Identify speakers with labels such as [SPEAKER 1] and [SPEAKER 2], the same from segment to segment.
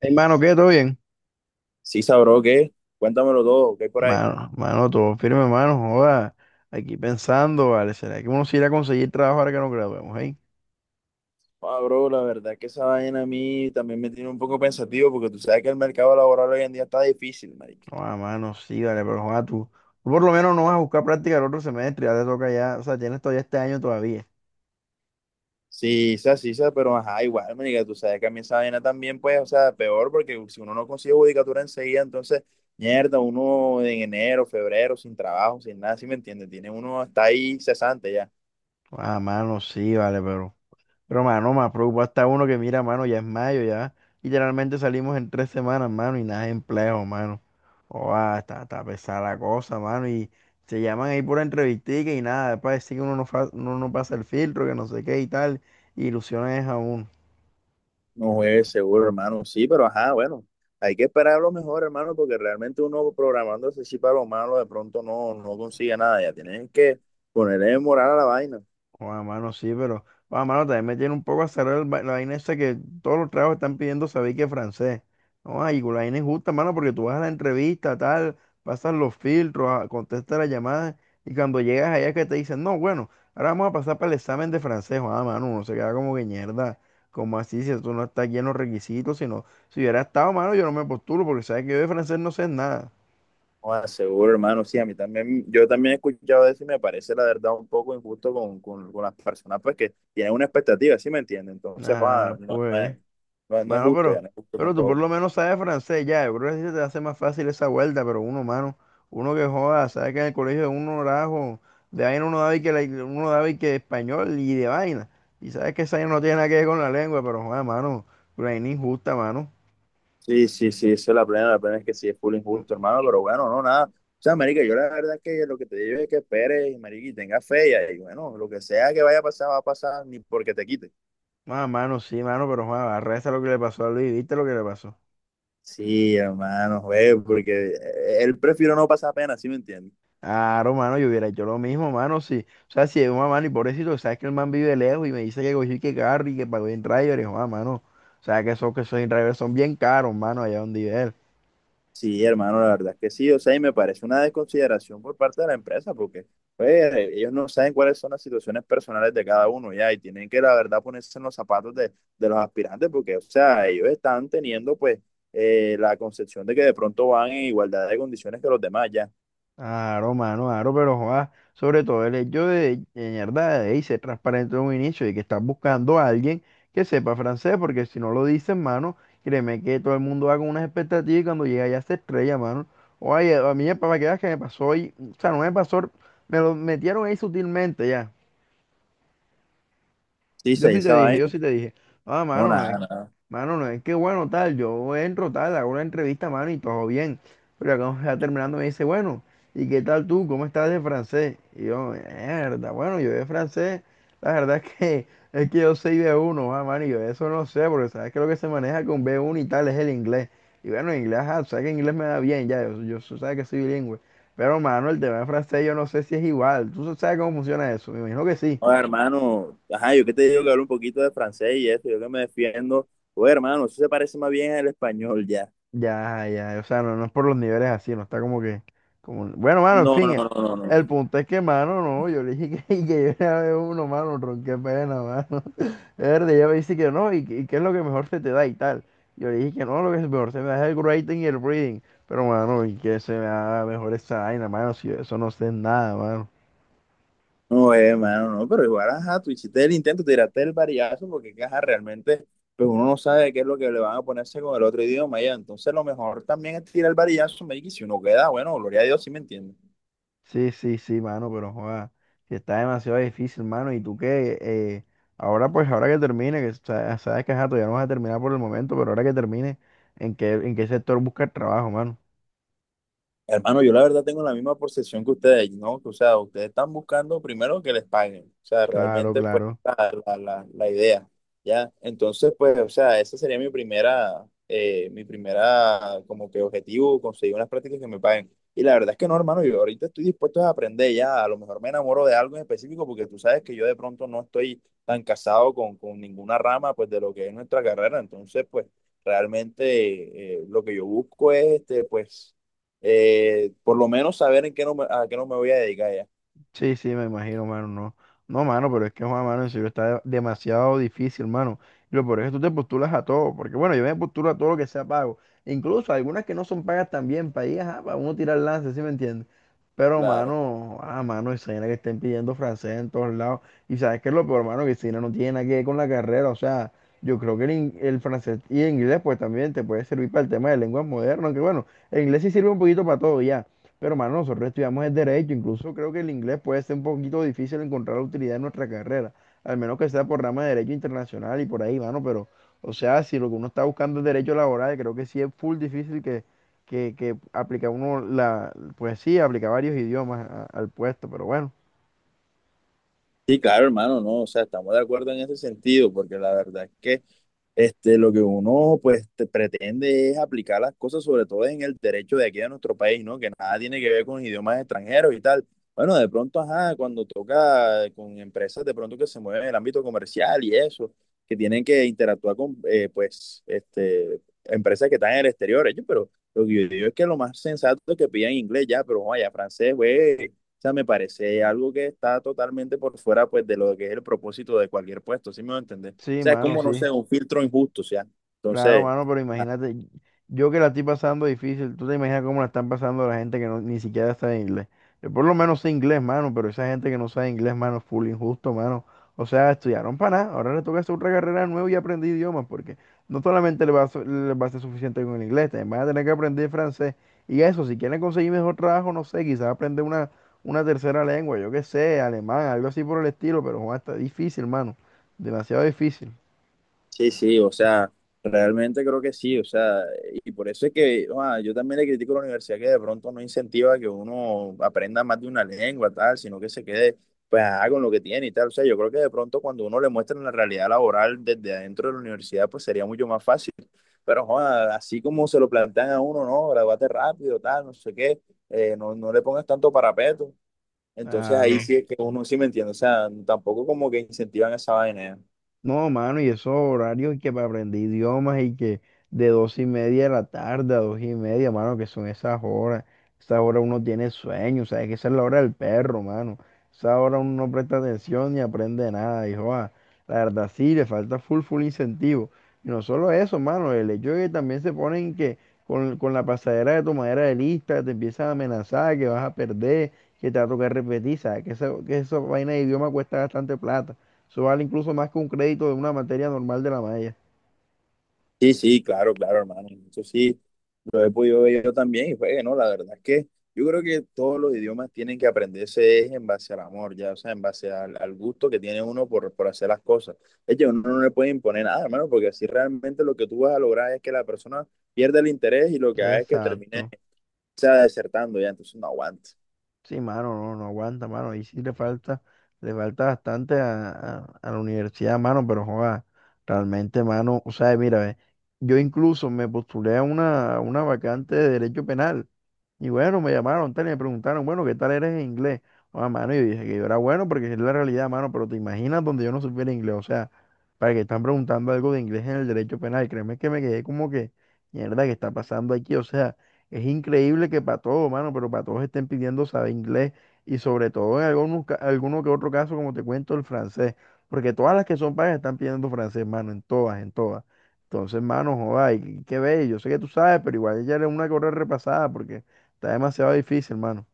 [SPEAKER 1] Hey, mano, ¿qué? ¿Todo bien?
[SPEAKER 2] Sí, sabro, ¿qué? Cuéntamelo todo, ¿qué hay por ahí?
[SPEAKER 1] Mano, mano, todo firme, mano, joda. Aquí pensando, vale, ¿será que uno sí irá a conseguir trabajo ahora que nos graduemos, hey?
[SPEAKER 2] Ah, bro, la verdad es que esa vaina a mí también me tiene un poco pensativo porque tú sabes que el mercado laboral hoy en día está difícil, marica.
[SPEAKER 1] Joda, mano, sí, vale, pero joda, tú por lo menos no vas a buscar práctica el otro semestre, ya te toca ya, o sea, tienes todavía este año todavía.
[SPEAKER 2] Sí, sí, sí, sí, pero ajá, igual, marica, tú sabes que a mí esa vaina también, pues, o sea, peor porque si uno no consigue judicatura enseguida, entonces, mierda, uno en enero, febrero, sin trabajo, sin nada, ¿sí me entiendes? Tiene uno, está ahí cesante ya.
[SPEAKER 1] Joda, mano, sí, vale, pero, mano, más preocupa está uno que mira, mano, ya es mayo, ya literalmente salimos en 3 semanas, mano, y nada de empleo, mano. Oa, está pesada la cosa, mano. Y se llaman ahí pura entrevistica y nada. Después decir que uno no pasa el filtro, que no sé qué y tal. Y ilusiones a uno.
[SPEAKER 2] No juegues seguro, hermano. Sí, pero ajá, bueno, hay que esperar lo mejor, hermano, porque realmente uno programándose sí para lo malo, de pronto no, no consigue nada. Ya tienen que ponerle moral a la vaina.
[SPEAKER 1] Bueno, mano, sí, pero, bueno, mano, también me tiene un poco azarado la vaina esa que todos los trabajos están pidiendo saber que es francés. No, ay, la vaina es justa, mano, porque tú vas a la entrevista, tal, pasas los filtros, contestas las llamadas, y cuando llegas allá que te dicen, no, bueno, ahora vamos a pasar para el examen de francés. Ah, mano, uno se queda como que mierda, como así, si tú no estás aquí en los requisitos, sino, si hubiera estado, mano, yo no me postulo, porque sabes que yo de francés no sé nada.
[SPEAKER 2] No, seguro, hermano. Sí, a mí también, yo también he escuchado eso y me parece la verdad un poco injusto con las personas pues que tienen una expectativa, ¿sí me entiende? Entonces, joda,
[SPEAKER 1] Ah,
[SPEAKER 2] no,
[SPEAKER 1] pues.
[SPEAKER 2] no es
[SPEAKER 1] Mano,
[SPEAKER 2] justo, ya
[SPEAKER 1] pero,
[SPEAKER 2] no es justo
[SPEAKER 1] pero tú por
[SPEAKER 2] tampoco.
[SPEAKER 1] lo menos sabes francés ya. Yo creo que así se te hace más fácil esa vuelta, pero uno, mano, uno que joda, sabe que en el colegio de uno rajo, de vaina uno daba y que español y de vaina. Y sabes que esa vaina no tiene nada que ver con la lengua, pero joda, mano, una vaina injusta, mano.
[SPEAKER 2] Sí, sí, sí, eso es la plena es que sí es full injusto, hermano, pero bueno, no, nada. O sea, marica, yo la verdad es que lo que te digo es que esperes, marica, y tengas fe, y ahí, bueno, lo que sea que vaya a pasar, va a pasar, ni porque te quite.
[SPEAKER 1] Ah, mano, sí, mano, pero joda, arresta lo que le pasó a Luis, ¿viste lo que le pasó?
[SPEAKER 2] Sí, hermano, güey, porque él prefiero no pasar pena, ¿sí me entiendes?
[SPEAKER 1] Claro, mano, yo hubiera hecho lo mismo, mano, sí. O sea, si es una mano y pobrecito, sabes que el man vive lejos y me dice que cogí que carro y que pagó en driver, y yo, ah, mano, o sea, que esos en driver son bien caros, mano, allá donde vive él.
[SPEAKER 2] Sí, hermano, la verdad es que sí. O sea, y me parece una desconsideración por parte de la empresa, porque pues, ellos no saben cuáles son las situaciones personales de cada uno, ya, y tienen que, la verdad, ponerse en los zapatos de los aspirantes, porque, o sea, ellos están teniendo, pues, la concepción de que de pronto van en igualdad de condiciones que los demás, ya.
[SPEAKER 1] Claro, mano, claro, pero joa, sobre todo el hecho de mierda, de ey, ser transparente en un inicio y que estás buscando a alguien que sepa francés, porque si no lo dices, mano, créeme que todo el mundo va con unas expectativas y cuando llega ya se estrella, mano. Oye, a mí, para que veas que me pasó hoy, o sea, no me pasó, me lo metieron ahí sutilmente ya.
[SPEAKER 2] Sí, sí,
[SPEAKER 1] Yo sí te
[SPEAKER 2] esa
[SPEAKER 1] dije, yo
[SPEAKER 2] vaina.
[SPEAKER 1] sí te dije, ah,
[SPEAKER 2] No, nada, nada.
[SPEAKER 1] mano, no es que bueno, tal, yo entro, tal, hago una entrevista, mano, y todo bien. Pero ya cuando está terminando me dice, bueno, ¿y qué tal tú? ¿Cómo estás de francés? Y yo, mierda, bueno, yo de francés, la verdad es que yo soy B1 ah, mano, y yo eso no sé, porque sabes que lo que se maneja con B1 y tal es el inglés. Y bueno, inglés, ah, sabes que inglés me da bien, ya, yo, sabes que soy bilingüe. Pero, mano, el tema de francés yo no sé si es igual. ¿Tú sabes cómo funciona eso? Me imagino que sí.
[SPEAKER 2] Oye, hermano, ajá, yo que te digo que hablo un poquito de francés y eso, yo que me defiendo. Oye, hermano, eso se parece más bien al español, ya.
[SPEAKER 1] Ya, ya, o sea, no, no es por los niveles así, no está como que, como, bueno, mano, en
[SPEAKER 2] No,
[SPEAKER 1] fin,
[SPEAKER 2] no, no, no,
[SPEAKER 1] el
[SPEAKER 2] no.
[SPEAKER 1] punto es que, mano, no, yo le dije que, que yo era uno, mano, ron, qué pena, mano, verde, ella me dice que no, y qué es lo que mejor se te da y tal, yo le dije que no, lo que mejor se me da es el writing y el reading, pero, mano, y que se me da mejor esa vaina, mano, si de eso no sé nada, mano.
[SPEAKER 2] No, hermano, no, pero igual, ajá, tú hiciste el intento, tiraste el varillazo, porque ajá, realmente, pues uno no sabe qué es lo que le van a ponerse con el otro idioma, ya. Entonces, lo mejor también es tirar el varillazo, me y si uno queda, bueno, gloria a Dios, sí me entiendes.
[SPEAKER 1] Sí, sí, sí, mano, pero joda, sí está demasiado difícil, mano. Y tú que ahora, pues, ahora que termine, que sabes que ajá, todavía no vas a terminar por el momento, pero ahora que termine, ¿En qué sector buscas trabajo, mano?
[SPEAKER 2] Hermano, yo la verdad tengo la misma percepción que ustedes, ¿no? O sea, ustedes están buscando primero que les paguen, o sea,
[SPEAKER 1] Claro,
[SPEAKER 2] realmente pues
[SPEAKER 1] claro.
[SPEAKER 2] la idea, ¿ya? Entonces, pues, o sea, esa sería mi primera como que objetivo, conseguir unas prácticas que me paguen. Y la verdad es que no, hermano, yo ahorita estoy dispuesto a aprender ya, a lo mejor me enamoro de algo en específico porque tú sabes que yo de pronto no estoy tan casado con ninguna rama pues de lo que es nuestra carrera, entonces pues realmente lo que yo busco es este, pues por lo menos saber en qué no me, a qué no me voy a dedicar ya.
[SPEAKER 1] Sí, sí, me imagino, mano, no. No, mano, pero es que, joda, mano, en serio está demasiado difícil, mano. Y lo peor es que tú te postulas a todo, porque bueno, yo me postulo a todo lo que sea pago. Incluso algunas que no son pagas también, para ahí, ajá, para uno tirar lance, ¿sí me entiendes? Pero,
[SPEAKER 2] Claro.
[SPEAKER 1] mano, ah, mano, esa vaina que estén pidiendo francés en todos lados. Y sabes qué es lo peor, mano, que si no no tiene nada que ver con la carrera. O sea, yo creo que el francés y el inglés, pues también te puede servir para el tema de lenguas modernas. Que bueno, el inglés sí sirve un poquito para todo ya. Pero, mano, nosotros estudiamos el derecho. Incluso creo que el inglés puede ser un poquito difícil encontrar la utilidad en nuestra carrera. Al menos que sea por rama de derecho internacional y por ahí, mano. Pero, o sea, si lo que uno está buscando es derecho laboral, creo que sí es full difícil que aplica uno la, pues sí, aplica varios idiomas al puesto, pero bueno,
[SPEAKER 2] Sí, claro, hermano, no, o sea, estamos de acuerdo en ese sentido, porque la verdad es que este, lo que uno pues te- pretende es aplicar las cosas, sobre todo en el derecho de aquí de nuestro país, ¿no? Que nada tiene que ver con idiomas extranjeros y tal. Bueno, de pronto, ajá, cuando toca con empresas de pronto que se mueven en el ámbito comercial y eso, que tienen que interactuar con, pues, este, empresas que están en el exterior, ellos, pero lo que yo digo es que lo más sensato es que pidan inglés ya, pero vaya, francés, güey, o sea, me parece algo que está totalmente por fuera, pues, de lo que es el propósito de cualquier puesto, ¿sí me voy a entender? O
[SPEAKER 1] sí,
[SPEAKER 2] sea, es
[SPEAKER 1] mano,
[SPEAKER 2] como, no
[SPEAKER 1] sí.
[SPEAKER 2] sé, un filtro injusto, o sea.
[SPEAKER 1] Claro,
[SPEAKER 2] Entonces,
[SPEAKER 1] mano, pero imagínate, yo que la estoy pasando difícil, tú te imaginas cómo la están pasando la gente que no, ni siquiera sabe inglés. Yo por lo menos sé inglés, mano, pero esa gente que no sabe inglés, mano, full injusto, mano. O sea, estudiaron para nada, ahora le toca hacer otra carrera nueva y aprender idiomas, porque no solamente les va a ser suficiente con el inglés, también van a tener que aprender francés. Y eso, si quieren conseguir mejor trabajo, no sé, quizás aprender una tercera lengua, yo qué sé, alemán, algo así por el estilo, pero joder, está difícil, mano, demasiado difícil.
[SPEAKER 2] sí, sí, o sea, realmente creo que sí, o sea, y por eso es que ah, yo también le critico a la universidad que de pronto no incentiva que uno aprenda más de una lengua, tal, sino que se quede, pues, ah, con lo que tiene y tal. O sea, yo creo que de pronto cuando uno le muestra la realidad laboral desde adentro de la universidad, pues sería mucho más fácil. Pero, joda, así como se lo plantean a uno, no, gradúate rápido, tal, no sé qué, no, no le pongas tanto parapeto. Entonces ahí
[SPEAKER 1] Claro.
[SPEAKER 2] sí es que uno sí me entiende, o sea, tampoco como que incentivan esa vaina ya.
[SPEAKER 1] No, mano, y esos horarios y que para aprender idiomas y que de 2:30 de la tarde a 2:30, mano, que son esas horas. Esa hora uno tiene sueño, sabes que esa es la hora del perro, mano. Esa hora uno no presta atención ni aprende nada, hijo. Ah. La verdad sí, le falta full, full incentivo. Y no solo eso, mano, el hecho de que también se ponen que con la pasadera de tomadera de lista te empiezan a amenazar, que vas a perder, que te va a tocar repetir, sabes que que esa vaina de idioma cuesta bastante plata. Eso vale incluso más que un crédito de una materia normal de la malla.
[SPEAKER 2] Sí, sí, claro, claro, hermano. Eso sí, lo he podido ver yo también y fue, que no, la verdad es que yo creo que todos los idiomas tienen que aprenderse es en base al amor, ya, o sea, en base al gusto que tiene uno por hacer las cosas. Es que uno no le puede imponer nada, hermano, porque así realmente lo que tú vas a lograr es que la persona pierda el interés y lo que haga es que termine,
[SPEAKER 1] Exacto.
[SPEAKER 2] o sea, desertando ya, entonces no aguanta.
[SPEAKER 1] Sí, mano, no, no aguanta, mano. Ahí sí le falta bastante a la universidad, mano, pero joda, realmente, mano, o sea, mira, ve, yo incluso me postulé a una vacante de derecho penal. Y bueno, me llamaron, tal, y me preguntaron, bueno, ¿qué tal eres en inglés? Ah, mano, y dije que yo era bueno porque es la realidad, mano, pero te imaginas donde yo no supiera inglés, o sea, para que están preguntando algo de inglés en el derecho penal, créeme que me quedé como que, mierda, ¿qué está pasando aquí? O sea, es increíble que para todo, mano, pero para todos estén pidiendo saber inglés y sobre todo en algunos, alguno que otro caso, como te cuento, el francés, porque todas las que son pagas están pidiendo francés, mano, en todas, en todas. Entonces, mano, joda, y qué bello, yo sé que tú sabes, pero igual ya era una que repasada porque está demasiado difícil, mano.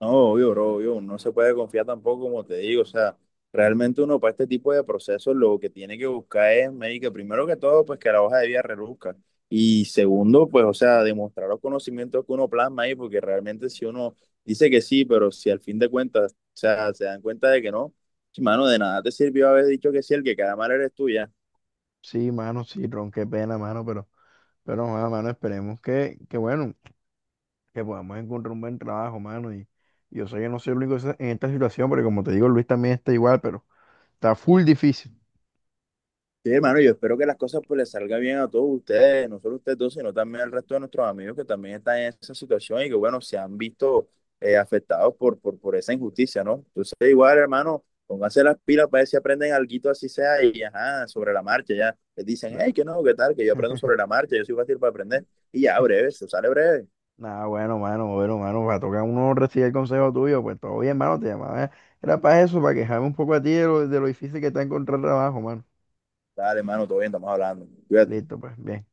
[SPEAKER 2] No, obvio, bro, obvio, no se puede confiar tampoco, como te digo, o sea, realmente uno para este tipo de procesos lo que tiene que buscar es, médica, primero que todo, pues que la hoja de vida reduzca, y segundo, pues, o sea, demostrar los conocimientos que uno plasma ahí, porque realmente si uno dice que sí, pero si al fin de cuentas, o sea, se dan cuenta de que no, sí, mano, de nada te sirvió haber dicho que sí, el que cada mal eres tú, ya.
[SPEAKER 1] Sí, mano, sí, Ron, qué pena, mano, pero, joda, mano, esperemos que, bueno, que podamos encontrar un buen trabajo, mano. Y yo sé que no soy el único en esta situación, porque como te digo, Luis también está igual, pero está full difícil.
[SPEAKER 2] Sí, hermano, yo espero que las cosas pues les salga bien a todos ustedes, no solo ustedes dos, sino también al resto de nuestros amigos que también están en esa situación y que, bueno, se han visto afectados por esa injusticia, ¿no? Entonces, igual, hermano, pónganse las pilas para ver si aprenden algo así sea y, ajá, sobre la marcha, ya. Les dicen, hey, que no, qué tal, que yo aprendo sobre la marcha, yo soy fácil para aprender. Y ya, breve, se sale breve.
[SPEAKER 1] Nada, bueno, mano, va a tocar uno recibir el consejo tuyo, pues todo bien, mano, te llamaba. Era para eso, para quejarme un poco a ti de lo difícil que está encontrar trabajo, mano.
[SPEAKER 2] Dale, hermano, todo bien, estamos hablando. Cuídate.
[SPEAKER 1] Listo, pues, bien.